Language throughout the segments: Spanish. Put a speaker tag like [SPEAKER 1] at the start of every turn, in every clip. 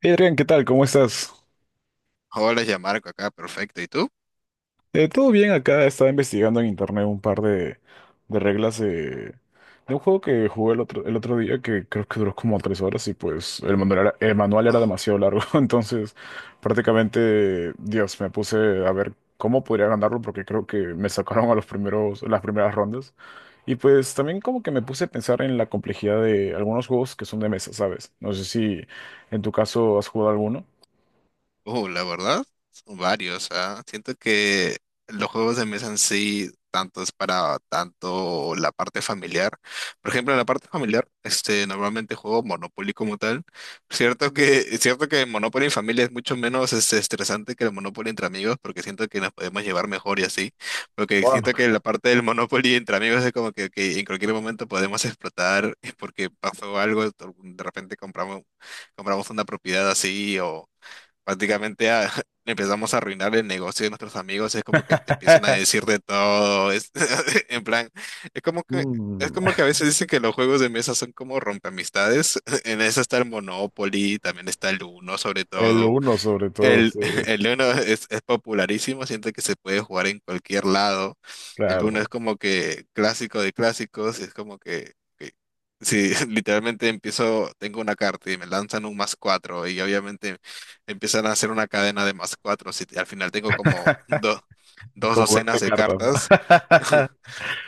[SPEAKER 1] Hey Adrián, ¿qué tal? ¿Cómo estás?
[SPEAKER 2] Hola, ya Marco acá, perfecto. ¿Y tú?
[SPEAKER 1] Todo bien acá, estaba investigando en internet un par de reglas de un juego que jugué el otro día, que creo que duró como 3 horas. Y pues el manual era
[SPEAKER 2] Oh.
[SPEAKER 1] demasiado largo, entonces prácticamente, Dios, me puse a ver cómo podría ganarlo, porque creo que me sacaron a las primeras rondas. Y pues también como que me puse a pensar en la complejidad de algunos juegos que son de mesa, ¿sabes? No sé si en tu caso has jugado alguno.
[SPEAKER 2] Oh, la verdad, son varios, ah. Siento que los juegos de mesa en sí, tanto es para tanto la parte familiar. Por ejemplo, la parte familiar, normalmente juego Monopoly como tal. Es cierto que Monopoly en familia es mucho menos estresante que el Monopoly entre amigos, porque siento que nos podemos llevar mejor y así. Porque siento
[SPEAKER 1] Wow.
[SPEAKER 2] que la parte del Monopoly entre amigos es como que en cualquier momento podemos explotar, es porque pasó algo, de repente compramos una propiedad así o, prácticamente empezamos a arruinar el negocio de nuestros amigos, es como que te empiezan a decir de todo, en plan, es como que, es
[SPEAKER 1] Mm.
[SPEAKER 2] como que a veces dicen que los juegos de mesa son como rompeamistades, en eso está el Monopoly, también está el Uno sobre
[SPEAKER 1] El
[SPEAKER 2] todo,
[SPEAKER 1] uno sobre todo,
[SPEAKER 2] el,
[SPEAKER 1] sí,
[SPEAKER 2] el Uno es popularísimo, siento que se puede jugar en cualquier lado. El Uno
[SPEAKER 1] claro,
[SPEAKER 2] es como que clásico de clásicos, es como que si literalmente empiezo, tengo una carta y me lanzan un más cuatro y obviamente empiezan a hacer una cadena de más cuatro, si al final tengo como dos
[SPEAKER 1] como
[SPEAKER 2] docenas
[SPEAKER 1] veinte
[SPEAKER 2] de
[SPEAKER 1] cartas. ¿no?
[SPEAKER 2] cartas,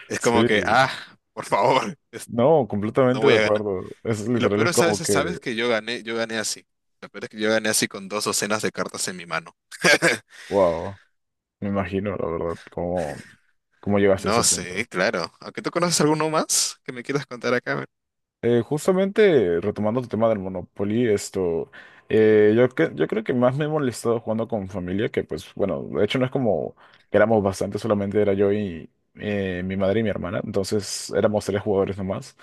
[SPEAKER 2] es como
[SPEAKER 1] Sí,
[SPEAKER 2] que, ah, por favor,
[SPEAKER 1] no,
[SPEAKER 2] no
[SPEAKER 1] completamente
[SPEAKER 2] voy
[SPEAKER 1] de
[SPEAKER 2] a ganar.
[SPEAKER 1] acuerdo. Es
[SPEAKER 2] Y lo
[SPEAKER 1] literal,
[SPEAKER 2] peor
[SPEAKER 1] es
[SPEAKER 2] es, ¿sabes?
[SPEAKER 1] como que,
[SPEAKER 2] ¿Sabes que yo gané? Yo gané así. Lo peor es que yo gané así con dos docenas de cartas en mi mano.
[SPEAKER 1] wow, me imagino, la verdad, cómo llegaste a ese
[SPEAKER 2] No sé,
[SPEAKER 1] punto.
[SPEAKER 2] claro. Aunque tú conoces alguno más que me quieras contar acá.
[SPEAKER 1] Justamente retomando tu tema del Monopoly, esto, yo creo que más me he molestado jugando con familia. Que pues bueno, de hecho no es como que éramos bastante, solamente era yo y mi madre y mi hermana, entonces éramos tres jugadores nomás.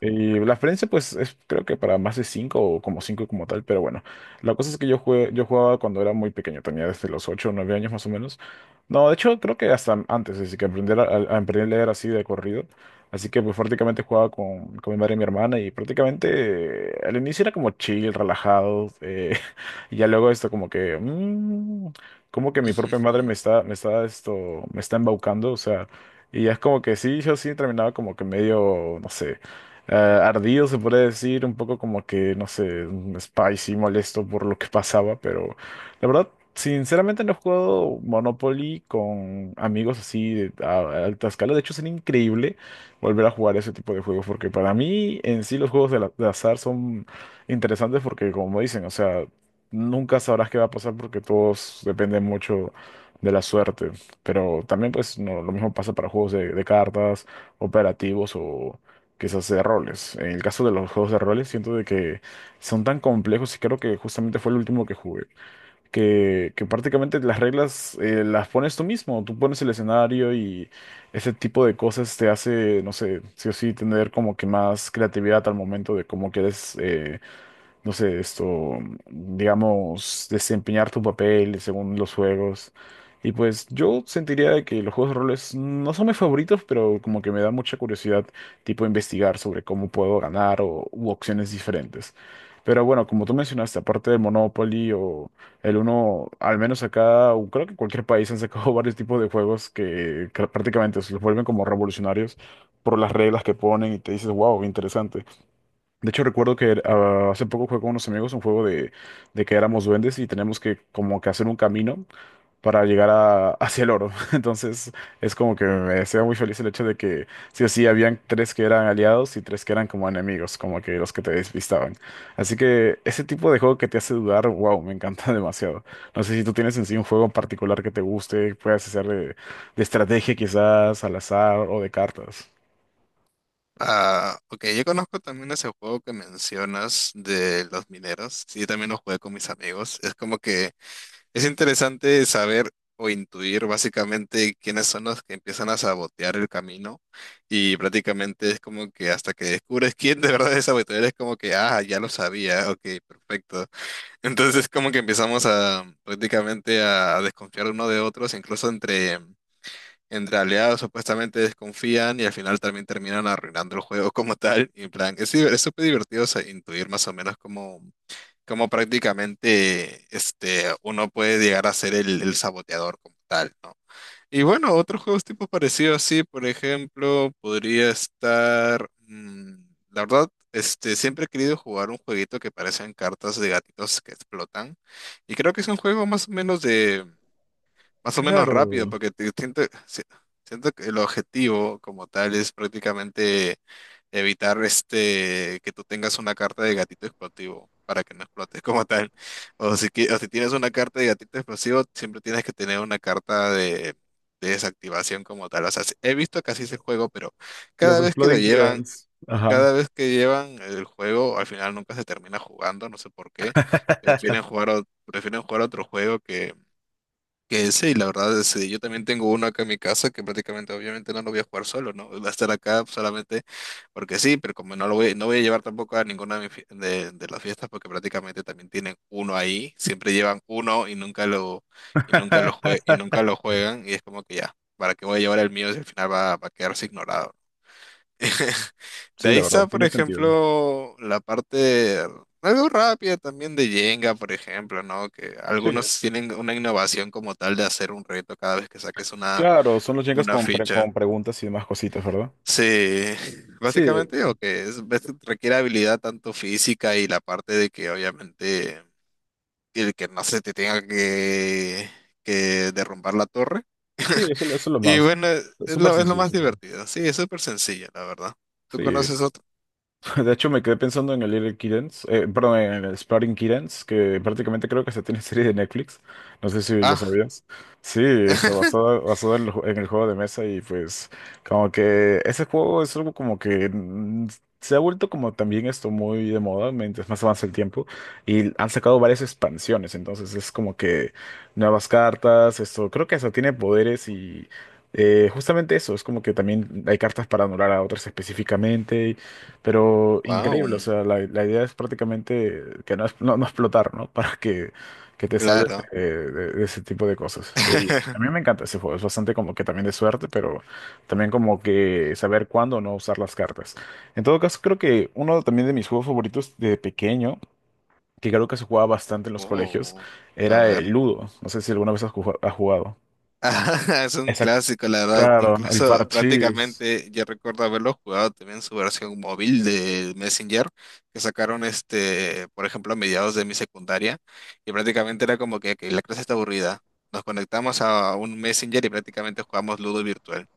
[SPEAKER 1] Y la experiencia pues es, creo que para más de cinco o como cinco como tal, pero bueno, la cosa es que yo jugué, yo jugaba cuando era muy pequeño, tenía desde los 8 o 9 años más o menos. No, de hecho creo que hasta antes, desde que aprender a aprender a leer así de corrido. Así que pues prácticamente jugaba con mi madre y mi hermana. Y prácticamente al inicio era como chill, relajado. Y ya luego esto como que, como que mi propia madre me está, me está esto, me está embaucando, o sea. Y ya es como que sí, yo sí terminaba como que medio, no sé, ardido, se puede decir. Un poco como que, no sé, spicy, molesto por lo que pasaba, pero la verdad. Sinceramente no he jugado Monopoly con amigos así de a alta escala. De hecho, sería increíble volver a jugar ese tipo de juegos, porque para mí en sí los juegos de, de azar son interesantes porque como dicen, o sea, nunca sabrás qué va a pasar porque todos dependen mucho de la suerte. Pero también pues no, lo mismo pasa para juegos de, cartas, operativos o quizás de roles. En el caso de los juegos de roles siento de que son tan complejos y creo que justamente fue el último que jugué, que prácticamente las reglas las pones tú mismo, tú pones el escenario. Y ese tipo de cosas te hace, no sé, sí o sí tener como que más creatividad al momento de cómo quieres no sé, esto, digamos, desempeñar tu papel según los juegos. Y pues yo sentiría de que los juegos de roles no son mis favoritos, pero como que me da mucha curiosidad, tipo investigar sobre cómo puedo ganar o u opciones diferentes. Pero bueno, como tú mencionaste, aparte de Monopoly o el uno, al menos acá, o creo que en cualquier país han sacado varios tipos de juegos que prácticamente se los vuelven como revolucionarios por las reglas que ponen y te dices, wow, interesante. De hecho, recuerdo que hace poco jugué con unos amigos un juego de que éramos duendes y tenemos que como que hacer un camino para llegar hacia el oro. Entonces, es como que me hacía muy feliz el hecho de que sí o sí habían tres que eran aliados y tres que eran como enemigos, como que los que te despistaban. Así que ese tipo de juego que te hace dudar, wow, me encanta demasiado. No sé si tú tienes en sí un juego en particular que te guste, puedas hacer de, estrategia quizás, al azar o de cartas.
[SPEAKER 2] Ah, ok, yo conozco también ese juego que mencionas de los mineros. Sí, también lo jugué con mis amigos. Es como que es interesante saber o intuir básicamente quiénes son los que empiezan a sabotear el camino. Y prácticamente es como que hasta que descubres quién de verdad es saboteador, es como que, ah, ya lo sabía, ok, perfecto. Entonces como que empezamos a prácticamente a, desconfiar uno de otros, incluso entre aliados supuestamente desconfían y al final también terminan arruinando el juego como tal. Y en plan, es súper divertido o sea, intuir más o menos cómo prácticamente uno puede llegar a ser el saboteador como tal, ¿no? Y bueno, otros juegos tipo parecido así, por ejemplo, podría estar, la verdad, siempre he querido jugar un jueguito que parecen cartas de gatitos que explotan. Y creo que es un juego más o menos rápido,
[SPEAKER 1] Claro,
[SPEAKER 2] porque siento, si- siento que el objetivo como tal es prácticamente evitar que tú tengas una carta de gatito explosivo para que no explotes como tal. O si tienes una carta de gatito explosivo, siempre tienes que tener una carta de desactivación como tal. O sea, sí, he visto que así es el juego, pero
[SPEAKER 1] los
[SPEAKER 2] cada vez que lo
[SPEAKER 1] Exploding
[SPEAKER 2] llevan,
[SPEAKER 1] Kittens. Ajá.
[SPEAKER 2] cada vez que llevan el juego, al final nunca se termina jugando, no sé por qué. Prefieren jugar otro juego que sí, la verdad sí yo también tengo uno acá en mi casa que prácticamente obviamente no lo voy a jugar solo, ¿no? Va a estar acá solamente porque sí, pero como no voy a llevar tampoco a ninguna de, mis fie- de las fiestas porque prácticamente también tienen uno ahí, siempre llevan uno y nunca lo juegan y es como que ya, ¿para qué voy a llevar el mío si al final va a quedarse ignorado? De
[SPEAKER 1] Sí,
[SPEAKER 2] ahí
[SPEAKER 1] la verdad,
[SPEAKER 2] está, por
[SPEAKER 1] tiene sentido.
[SPEAKER 2] ejemplo, la parte algo rápida también de Jenga, por ejemplo, ¿no? Que
[SPEAKER 1] Sí,
[SPEAKER 2] algunos tienen una innovación como tal de hacer un reto cada vez que saques una,
[SPEAKER 1] claro, son los Jengas
[SPEAKER 2] una
[SPEAKER 1] con, pre-
[SPEAKER 2] ficha.
[SPEAKER 1] con preguntas y demás cositas, ¿verdad?
[SPEAKER 2] Sí,
[SPEAKER 1] Sí,
[SPEAKER 2] básicamente, o que es, ves, requiere habilidad tanto física y la parte de que obviamente el que no se te tenga que derrumbar la torre.
[SPEAKER 1] sí, eso es lo
[SPEAKER 2] Y
[SPEAKER 1] más.
[SPEAKER 2] bueno, es
[SPEAKER 1] Es súper
[SPEAKER 2] lo, es lo
[SPEAKER 1] sencillo
[SPEAKER 2] más
[SPEAKER 1] ese juego.
[SPEAKER 2] divertido. Sí, es súper sencillo, la verdad. ¿Tú
[SPEAKER 1] Sí,
[SPEAKER 2] conoces otro?
[SPEAKER 1] de hecho, me quedé pensando en el Little Kittens, perdón, en el Exploding Kittens, que prácticamente creo que se tiene serie de Netflix. No sé si lo
[SPEAKER 2] Ah.
[SPEAKER 1] sabías. Sí, está basado en el en el juego de mesa. Y pues como que ese juego es algo como que, mm, se ha vuelto como también esto muy de moda mientras más avanza el tiempo y han sacado varias expansiones, entonces es como que nuevas cartas, esto creo que hasta tiene poderes. Y... Justamente eso, es como que también hay cartas para anular a otras específicamente, pero increíble, o
[SPEAKER 2] Wow,
[SPEAKER 1] sea, la idea es prácticamente que no, no, no explotar, ¿no? Para que te salves
[SPEAKER 2] claro.
[SPEAKER 1] de, de ese tipo de cosas. Y a mí me encanta ese juego, es bastante como que también de suerte, pero también como que saber cuándo no usar las cartas. En todo caso, creo que uno también de mis juegos favoritos de pequeño, que creo que se jugaba bastante en los colegios,
[SPEAKER 2] Oh, a
[SPEAKER 1] era el
[SPEAKER 2] ver.
[SPEAKER 1] Ludo. No sé si alguna vez has jugado.
[SPEAKER 2] Es un
[SPEAKER 1] Exacto.
[SPEAKER 2] clásico, la verdad.
[SPEAKER 1] Claro, el
[SPEAKER 2] Incluso
[SPEAKER 1] parchís.
[SPEAKER 2] prácticamente yo recuerdo haberlo jugado también en su versión móvil de Messenger, que sacaron por ejemplo, a mediados de mi secundaria. Y prácticamente era como que la clase está aburrida. Nos conectamos a un Messenger y prácticamente jugamos Ludo virtual.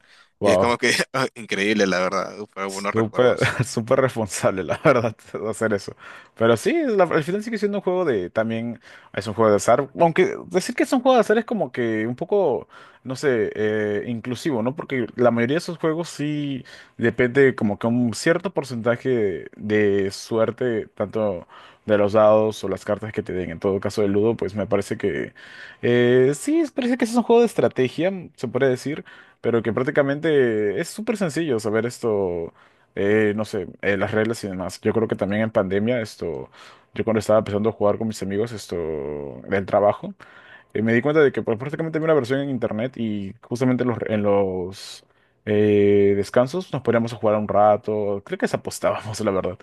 [SPEAKER 2] Y es como
[SPEAKER 1] Wow.
[SPEAKER 2] que increíble, la verdad. Fue buenos
[SPEAKER 1] Súper.
[SPEAKER 2] recuerdos.
[SPEAKER 1] Súper responsable, la verdad, hacer eso. Pero sí, al final sigue siendo un juego de, también es un juego de azar. Aunque decir que es un juego de azar es como que un poco, no sé, inclusivo, ¿no? Porque la mayoría de esos juegos sí depende como que un cierto porcentaje de suerte, tanto de los dados o las cartas que te den. En todo caso, el Ludo, pues me parece que sí, parece que es un juego de estrategia, se puede decir. Pero que prácticamente es súper sencillo saber esto, no sé, las reglas y demás. Yo creo que también en pandemia, esto, yo cuando estaba empezando a jugar con mis amigos, esto, del trabajo, me di cuenta de que pues, prácticamente vi una versión en internet y justamente en los descansos nos poníamos a jugar un rato, creo que se apostábamos, la verdad.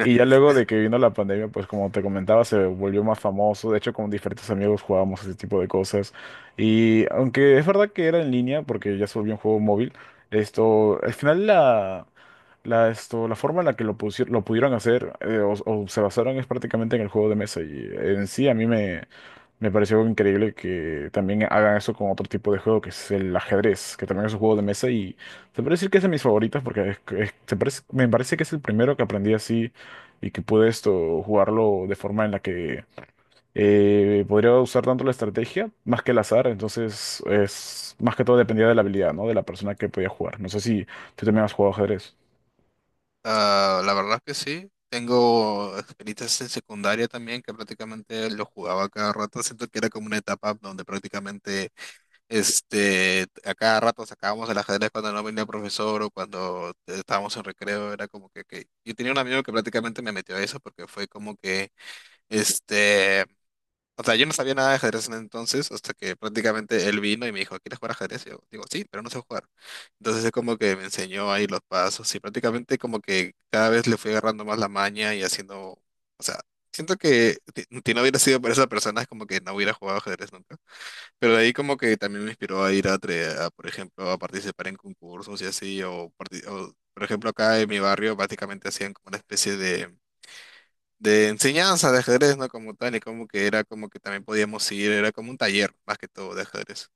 [SPEAKER 1] Y ya luego de que vino la pandemia, pues como te comentaba, se volvió más famoso, de hecho con diferentes amigos jugábamos ese tipo de cosas. Y aunque es verdad que era en línea, porque ya se volvió un juego móvil, esto, al final la, La, esto, la forma en la que lo pudieron hacer o se basaron es prácticamente en el juego de mesa. Y en sí a mí me pareció increíble que también hagan eso con otro tipo de juego, que es el ajedrez, que también es un juego de mesa. Y se puede decir que es de mis favoritos porque me parece que es el primero que aprendí así y que pude esto jugarlo de forma en la que podría usar tanto la estrategia más que el azar, entonces es más que todo dependía de la habilidad, ¿no? De la persona que podía jugar. No sé si tú también has jugado ajedrez.
[SPEAKER 2] Ah, la verdad que sí. Tengo experiencias en secundaria también que prácticamente lo jugaba cada rato. Siento que era como una etapa donde prácticamente a cada rato sacábamos el ajedrez cuando no venía el profesor o cuando estábamos en recreo. Era como que- Yo tenía un amigo que prácticamente me metió a eso porque fue como que este, o sea, yo no sabía nada de ajedrez en entonces, hasta que prácticamente él vino y me dijo, ¿quieres jugar ajedrez? Y yo digo, sí, pero no sé jugar. Entonces es como que me enseñó ahí los pasos y prácticamente como que cada vez le fui agarrando más la maña y haciendo, o sea, siento que si no hubiera sido por esa persona es como que no hubiera jugado ajedrez nunca. Pero de ahí como que también me inspiró a ir a, por ejemplo, a participar en concursos y así, o, por ejemplo acá en mi barrio prácticamente hacían como una especie de enseñanza de ajedrez, ¿no? Como tal, y como que era como que también podíamos ir, era como un taller más que todo de ajedrez.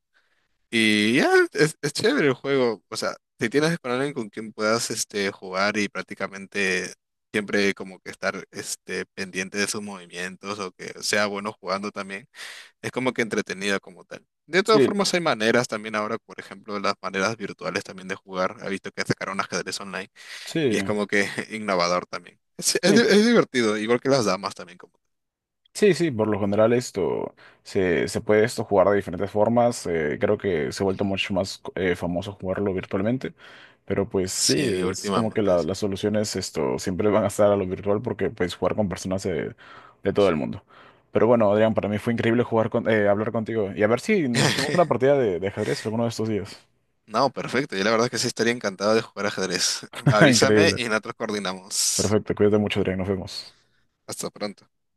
[SPEAKER 2] Y ya, es chévere el juego, o sea, si tienes con alguien con quien puedas jugar y prácticamente siempre como que estar pendiente de sus movimientos o que sea bueno jugando también, es como que entretenido como tal. De todas
[SPEAKER 1] Sí,
[SPEAKER 2] formas, hay maneras también ahora, por ejemplo, las maneras virtuales también de jugar. He visto que sacaron ajedrez online y es
[SPEAKER 1] sí,
[SPEAKER 2] como que innovador también. Es, es
[SPEAKER 1] sí.
[SPEAKER 2] di- es divertido, igual que las damas también. Como
[SPEAKER 1] Sí, sí, por lo general esto se puede esto jugar de diferentes formas. Creo que se ha vuelto mucho más famoso jugarlo virtualmente. Pero pues sí,
[SPEAKER 2] Sí,
[SPEAKER 1] es como que
[SPEAKER 2] últimamente sí.
[SPEAKER 1] las soluciones esto siempre van a estar a lo virtual porque puedes jugar con personas de todo el mundo. Pero bueno, Adrián, para mí fue increíble jugar hablar contigo. Y a ver si nos echamos una partida de, ajedrez alguno de estos días.
[SPEAKER 2] No, perfecto. Yo la verdad que sí estaría encantado de jugar ajedrez. Avísame y
[SPEAKER 1] Increíble.
[SPEAKER 2] nosotros coordinamos.
[SPEAKER 1] Perfecto, cuídate mucho, Adrián, nos vemos.
[SPEAKER 2] Hasta pronto.